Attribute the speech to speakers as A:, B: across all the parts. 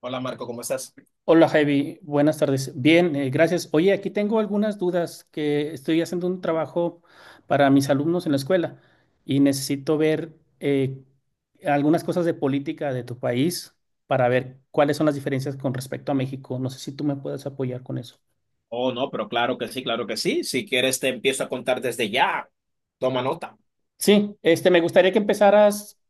A: Hola Marco, ¿cómo estás?
B: Hola Javi, buenas tardes. Bien, gracias. Oye, aquí tengo algunas dudas que estoy haciendo un trabajo para mis alumnos en la escuela y necesito ver eh, algunas cosas de política de tu país para ver cuáles son las diferencias con respecto a México. No sé si tú me puedes apoyar con eso.
A: Oh, no, pero claro que sí, claro que sí. Si quieres, te empiezo a contar desde ya. Toma nota.
B: Sí, este, me gustaría que empezaras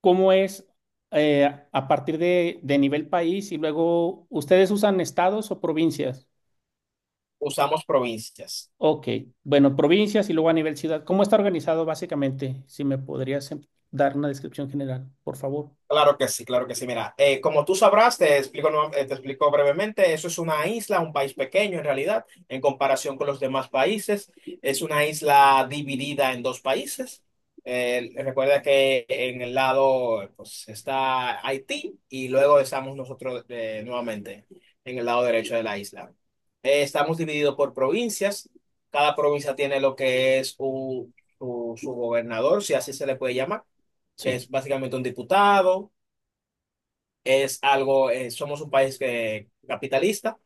B: cómo es eh, a partir de nivel país y luego ustedes usan estados o provincias.
A: Usamos provincias.
B: Ok, bueno, provincias y luego a nivel ciudad. ¿Cómo está organizado básicamente? Si me podrías dar una descripción general, por favor.
A: Claro que sí, claro que sí. Mira, como tú sabrás, te explico, te explico brevemente, eso es una isla, un país pequeño en realidad, en comparación con los demás países. Es una isla dividida en dos países. Recuerda que en el lado pues, está Haití y luego estamos nosotros nuevamente en el lado derecho de la isla. Estamos divididos por provincias. Cada provincia tiene lo que es su gobernador, si así se le puede llamar, que
B: Sí.
A: es básicamente un diputado es algo, somos un país capitalista,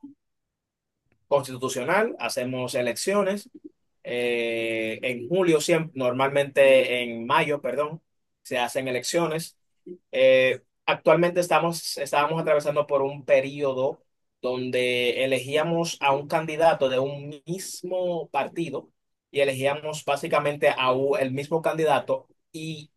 A: constitucional, hacemos elecciones. En julio siempre, normalmente en mayo, perdón, se hacen elecciones. Eh, Estábamos atravesando por un periodo donde elegíamos a un candidato de un mismo partido y elegíamos básicamente a el mismo candidato. Y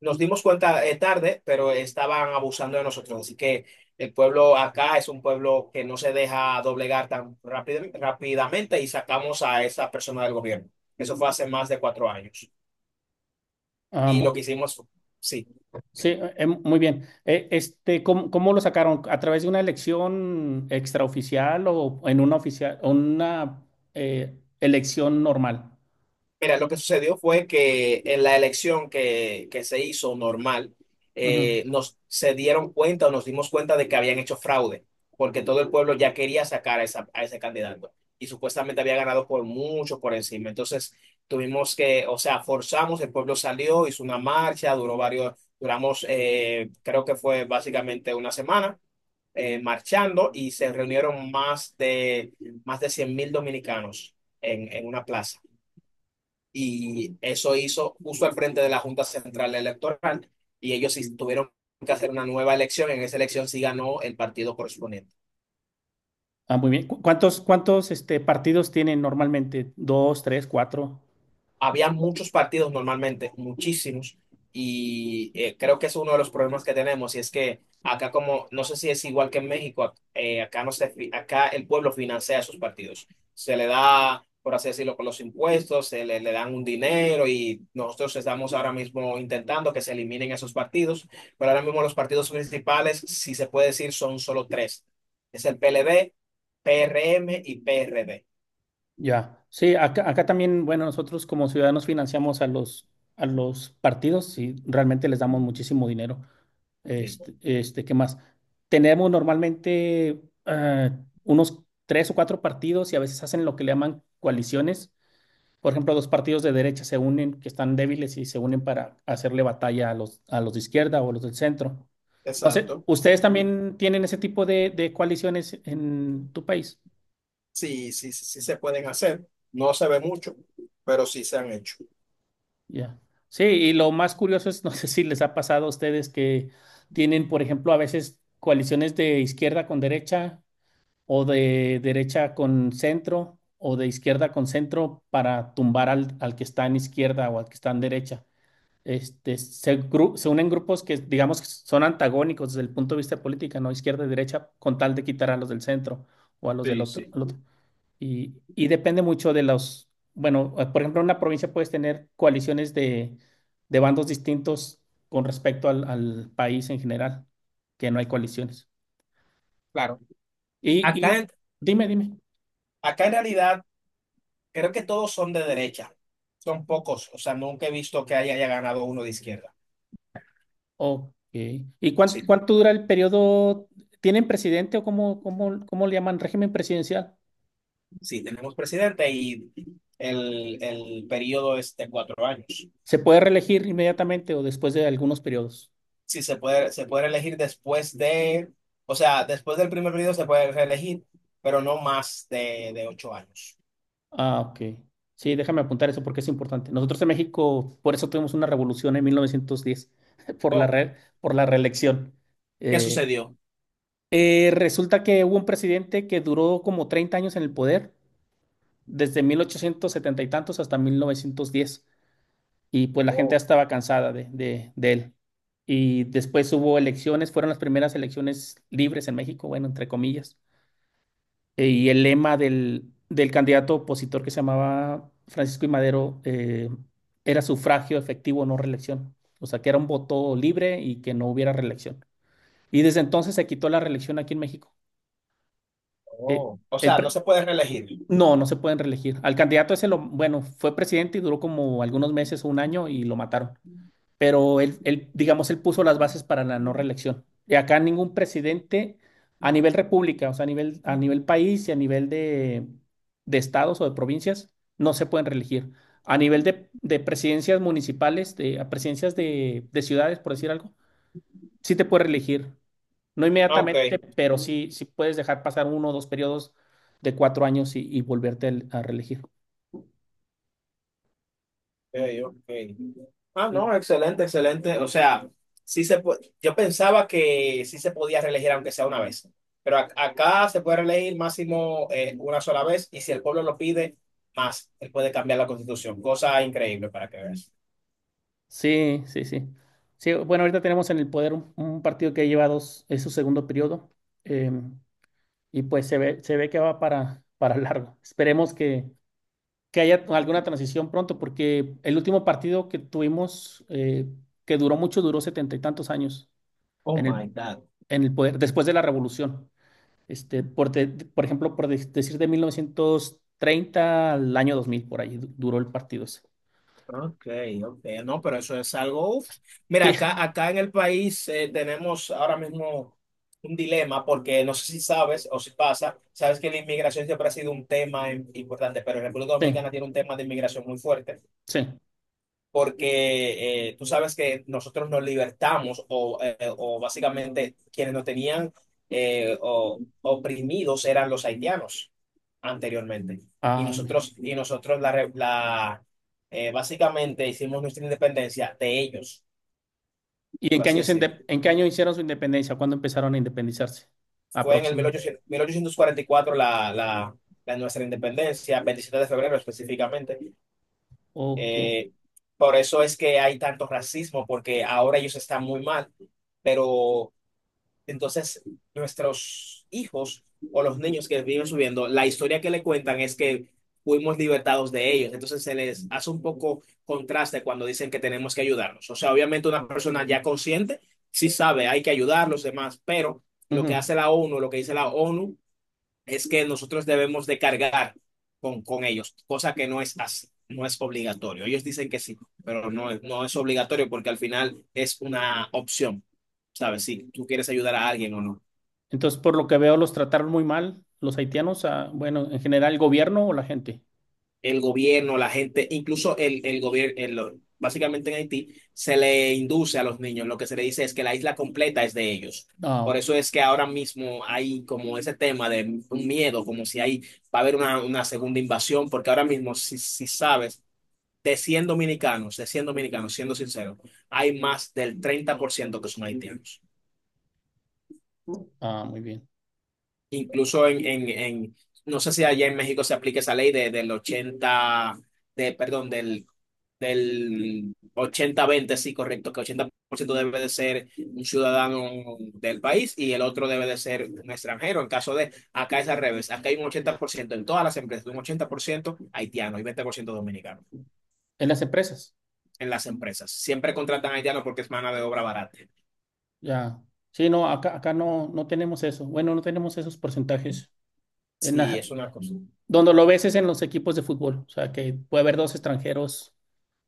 A: nos dimos cuenta tarde, pero estaban abusando de nosotros. Así que el pueblo acá es un pueblo que no se deja doblegar tan rápidamente y sacamos a esa persona del gobierno. Eso fue hace más de 4 años.
B: Ah,
A: Y lo que hicimos, sí.
B: sí, muy bien. Este, ¿cómo lo sacaron? ¿A través de una elección extraoficial o en una oficial, una elección normal?
A: Mira, lo que sucedió fue que en la elección que se hizo normal,
B: Ujú.
A: nos se dieron cuenta o nos dimos cuenta de que habían hecho fraude, porque todo el pueblo ya quería sacar a ese candidato y supuestamente había ganado por mucho por encima. Entonces tuvimos que, o sea, forzamos, el pueblo salió, hizo una marcha, duramos, creo que fue básicamente una semana marchando y se reunieron más de 100.000 dominicanos en una plaza y eso hizo justo al frente de la Junta Central Electoral y ellos sí tuvieron que hacer una nueva elección. En esa elección sí ganó el partido correspondiente.
B: Ah, muy bien. ¿Cuántos, este, partidos tienen normalmente? ¿Dos, tres, cuatro?
A: Había muchos partidos normalmente, muchísimos, y creo que es uno de los problemas que tenemos, y es que acá como, no sé si es igual que en México, acá no acá el pueblo financia esos partidos, se le da, por así decirlo, con los impuestos, le dan un dinero, y nosotros estamos ahora mismo intentando que se eliminen esos partidos, pero ahora mismo los partidos principales, si se puede decir, son solo tres, es el PLD, PRM y PRD.
B: Ya, sí, acá también, bueno, nosotros como ciudadanos financiamos a los, partidos y realmente les damos muchísimo dinero.
A: Sí.
B: Este, ¿qué más? Tenemos normalmente unos tres o cuatro partidos y a veces hacen lo que le llaman coaliciones. Por ejemplo, dos partidos de derecha se unen, que están débiles y se unen para hacerle batalla a los, de izquierda o a los del centro. No sé,
A: Exacto.
B: ¿ustedes también tienen ese tipo de coaliciones en tu país?
A: Sí, sí, sí, sí se pueden hacer. No se ve mucho, pero sí se han hecho.
B: Ya. Sí, y lo más curioso es, no sé si les ha pasado a ustedes que tienen, por ejemplo, a veces coaliciones de izquierda con derecha o de derecha con centro o de izquierda con centro para tumbar al, que está en izquierda o al que está en derecha. Este, se unen grupos que, digamos, que son antagónicos desde el punto de vista de política, ¿no? Izquierda y derecha, con tal de quitar a los del centro o a los del
A: Sí,
B: otro, al otro.
A: sí.
B: Y depende mucho de los, bueno, por ejemplo, en una provincia puedes tener coaliciones de bandos distintos con respecto al, país en general, que no hay coaliciones.
A: Claro.
B: Y,
A: Acá
B: y
A: en,
B: dime, dime.
A: Acá en realidad creo que todos son de derecha. Son pocos. O sea, nunca he visto que haya, haya ganado uno de izquierda.
B: Ok. ¿Y
A: Sí,
B: cuánto dura el periodo? ¿Tienen presidente o cómo le llaman régimen presidencial?
A: sí, tenemos presidente y el periodo es de 4 años.
B: ¿Se puede reelegir inmediatamente o después de algunos periodos?
A: Sí, se puede elegir después de, o sea, después del primer periodo se puede reelegir, pero no más de 8 años.
B: Ah, ok. Sí, déjame apuntar eso porque es importante. Nosotros en México, por eso tuvimos una revolución en 1910
A: Oh,
B: por la reelección.
A: ¿qué
B: Eh,
A: sucedió?
B: Resulta que hubo un presidente que duró como 30 años en el poder, desde 1870 y tantos hasta 1910, y pues la gente ya
A: Oh,
B: estaba cansada de él. Y después hubo elecciones, fueron las primeras elecciones libres en México, bueno, entre comillas. Y el lema del candidato opositor que se llamaba Francisco I. Madero era sufragio efectivo, no reelección. O sea, que era un voto libre y que no hubiera reelección. Y desde entonces se quitó la reelección aquí en México. Eh,
A: oh. O
B: el
A: sea,
B: pre-
A: no se puede reelegir.
B: no, no se pueden reelegir. Al candidato ese, bueno, fue presidente y duró como algunos meses o un año y lo mataron pero digamos, él puso las bases para la no reelección. Y acá ningún presidente a nivel república, o sea, a nivel país y a nivel de estados o de provincias, no se pueden reelegir. A nivel de presidencias municipales, a presidencias de ciudades, por decir algo, sí te puedes reelegir. No
A: Ah, ok,
B: inmediatamente, pero sí, sí puedes dejar pasar uno o dos periodos de 4 años y volverte a reelegir.
A: ok, ok. Ah, no, excelente, excelente. O sea, sí se po- yo pensaba que sí se podía reelegir aunque sea una vez, pero acá se puede reelegir máximo una sola vez y si el pueblo lo pide, más, él puede cambiar la constitución. Cosa increíble para que veas.
B: Sí, sí, sí. Sí, bueno, ahorita tenemos en el poder un partido que lleva dos, es su segundo periodo, em, y pues se ve, que va para largo. Esperemos que haya alguna transición pronto, porque el último partido que tuvimos, que duró mucho, duró setenta y tantos años
A: Oh
B: en
A: my
B: el,
A: God.
B: poder, después de la revolución. Este, por ejemplo, decir de 1930 al año 2000 por ahí duró el partido ese.
A: Ok, ok, no, pero eso es algo. Uf. Mira,
B: Sí,
A: acá en el país tenemos ahora mismo un dilema, porque no sé si sabes o si pasa, sabes que la inmigración siempre ha sido un tema importante, pero República
B: sí,
A: Dominicana tiene un tema de inmigración muy fuerte
B: sí.
A: porque tú sabes que nosotros nos libertamos o básicamente quienes nos tenían oprimidos eran los haitianos anteriormente.
B: Ah,
A: Y nosotros básicamente hicimos nuestra independencia de ellos,
B: ¿y en
A: por
B: qué
A: así
B: año,
A: decirlo.
B: hicieron su independencia? ¿Cuándo empezaron a independizarse?
A: Fue en el
B: Aproximadamente.
A: 1800 1844 la nuestra independencia, 27 de febrero específicamente.
B: Ok.
A: Eh, por eso es que hay tanto racismo, porque ahora ellos están muy mal, pero entonces, nuestros hijos o los niños que viven subiendo, la historia que le cuentan es que fuimos libertados de ellos. Entonces, se les hace un poco contraste cuando dicen que tenemos que ayudarlos. O sea, obviamente una persona ya consciente sí sabe, hay que ayudar a los demás, pero
B: Ujú.
A: lo que dice la ONU, es que nosotros debemos de cargar con ellos, cosa que no es así. No es obligatorio. Ellos dicen que sí, pero no, no es obligatorio porque al final es una opción, ¿sabes? Si tú quieres ayudar a alguien o no.
B: Entonces, por lo que veo, los trataron muy mal los haitianos, bueno, en general, el gobierno o la gente.
A: El gobierno, la gente, incluso el gobierno, básicamente en Haití, se le induce a los niños, lo que se le dice es que la isla completa es de ellos.
B: Ah,
A: Por
B: ok.
A: eso es que ahora mismo hay como ese tema de un miedo, como si hay, va a haber una segunda invasión, porque ahora mismo, si, si sabes, de 100 dominicanos, siendo sincero, hay más del 30% que son haitianos.
B: Ah, muy bien.
A: Incluso no sé si allá en México se aplica esa ley de, del 80 del del ochenta veinte sí, correcto, que 80% debe de ser un ciudadano del país y el otro debe de ser un extranjero. En caso de, acá es al revés, acá hay un 80% en todas las empresas, un 80% haitiano y 20% dominicano
B: En las empresas,
A: en las empresas. Siempre contratan haitianos porque es mano de obra barata.
B: ya. Sí, no, acá no, no tenemos eso. Bueno, no tenemos esos porcentajes. En
A: Sí,
B: la-
A: es una cosa.
B: Donde lo ves es en los equipos de fútbol. O sea, que puede haber dos extranjeros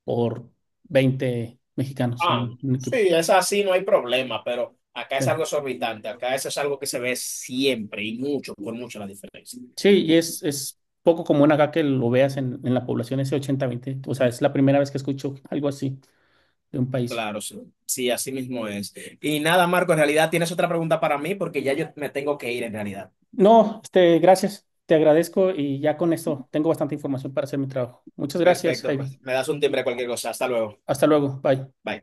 B: por 20 mexicanos en
A: Ah,
B: un
A: sí,
B: equipo.
A: es así, no hay problema, pero acá
B: Sí.
A: es algo exorbitante, acá eso es algo que se ve siempre y mucho, por mucho la diferencia.
B: Sí, y es poco común acá que lo veas en la población ese 80-20. O sea, es la primera vez que escucho algo así de un país.
A: Claro, sí, sí, así mismo es. Y nada, Marco, en realidad tienes otra pregunta para mí porque ya yo me tengo que ir en realidad.
B: No, este, gracias, te agradezco y ya con esto tengo bastante información para hacer mi trabajo. Muchas gracias,
A: Perfecto, pues
B: Javi.
A: me das un timbre cualquier cosa. Hasta luego.
B: Hasta luego, bye.
A: Bye.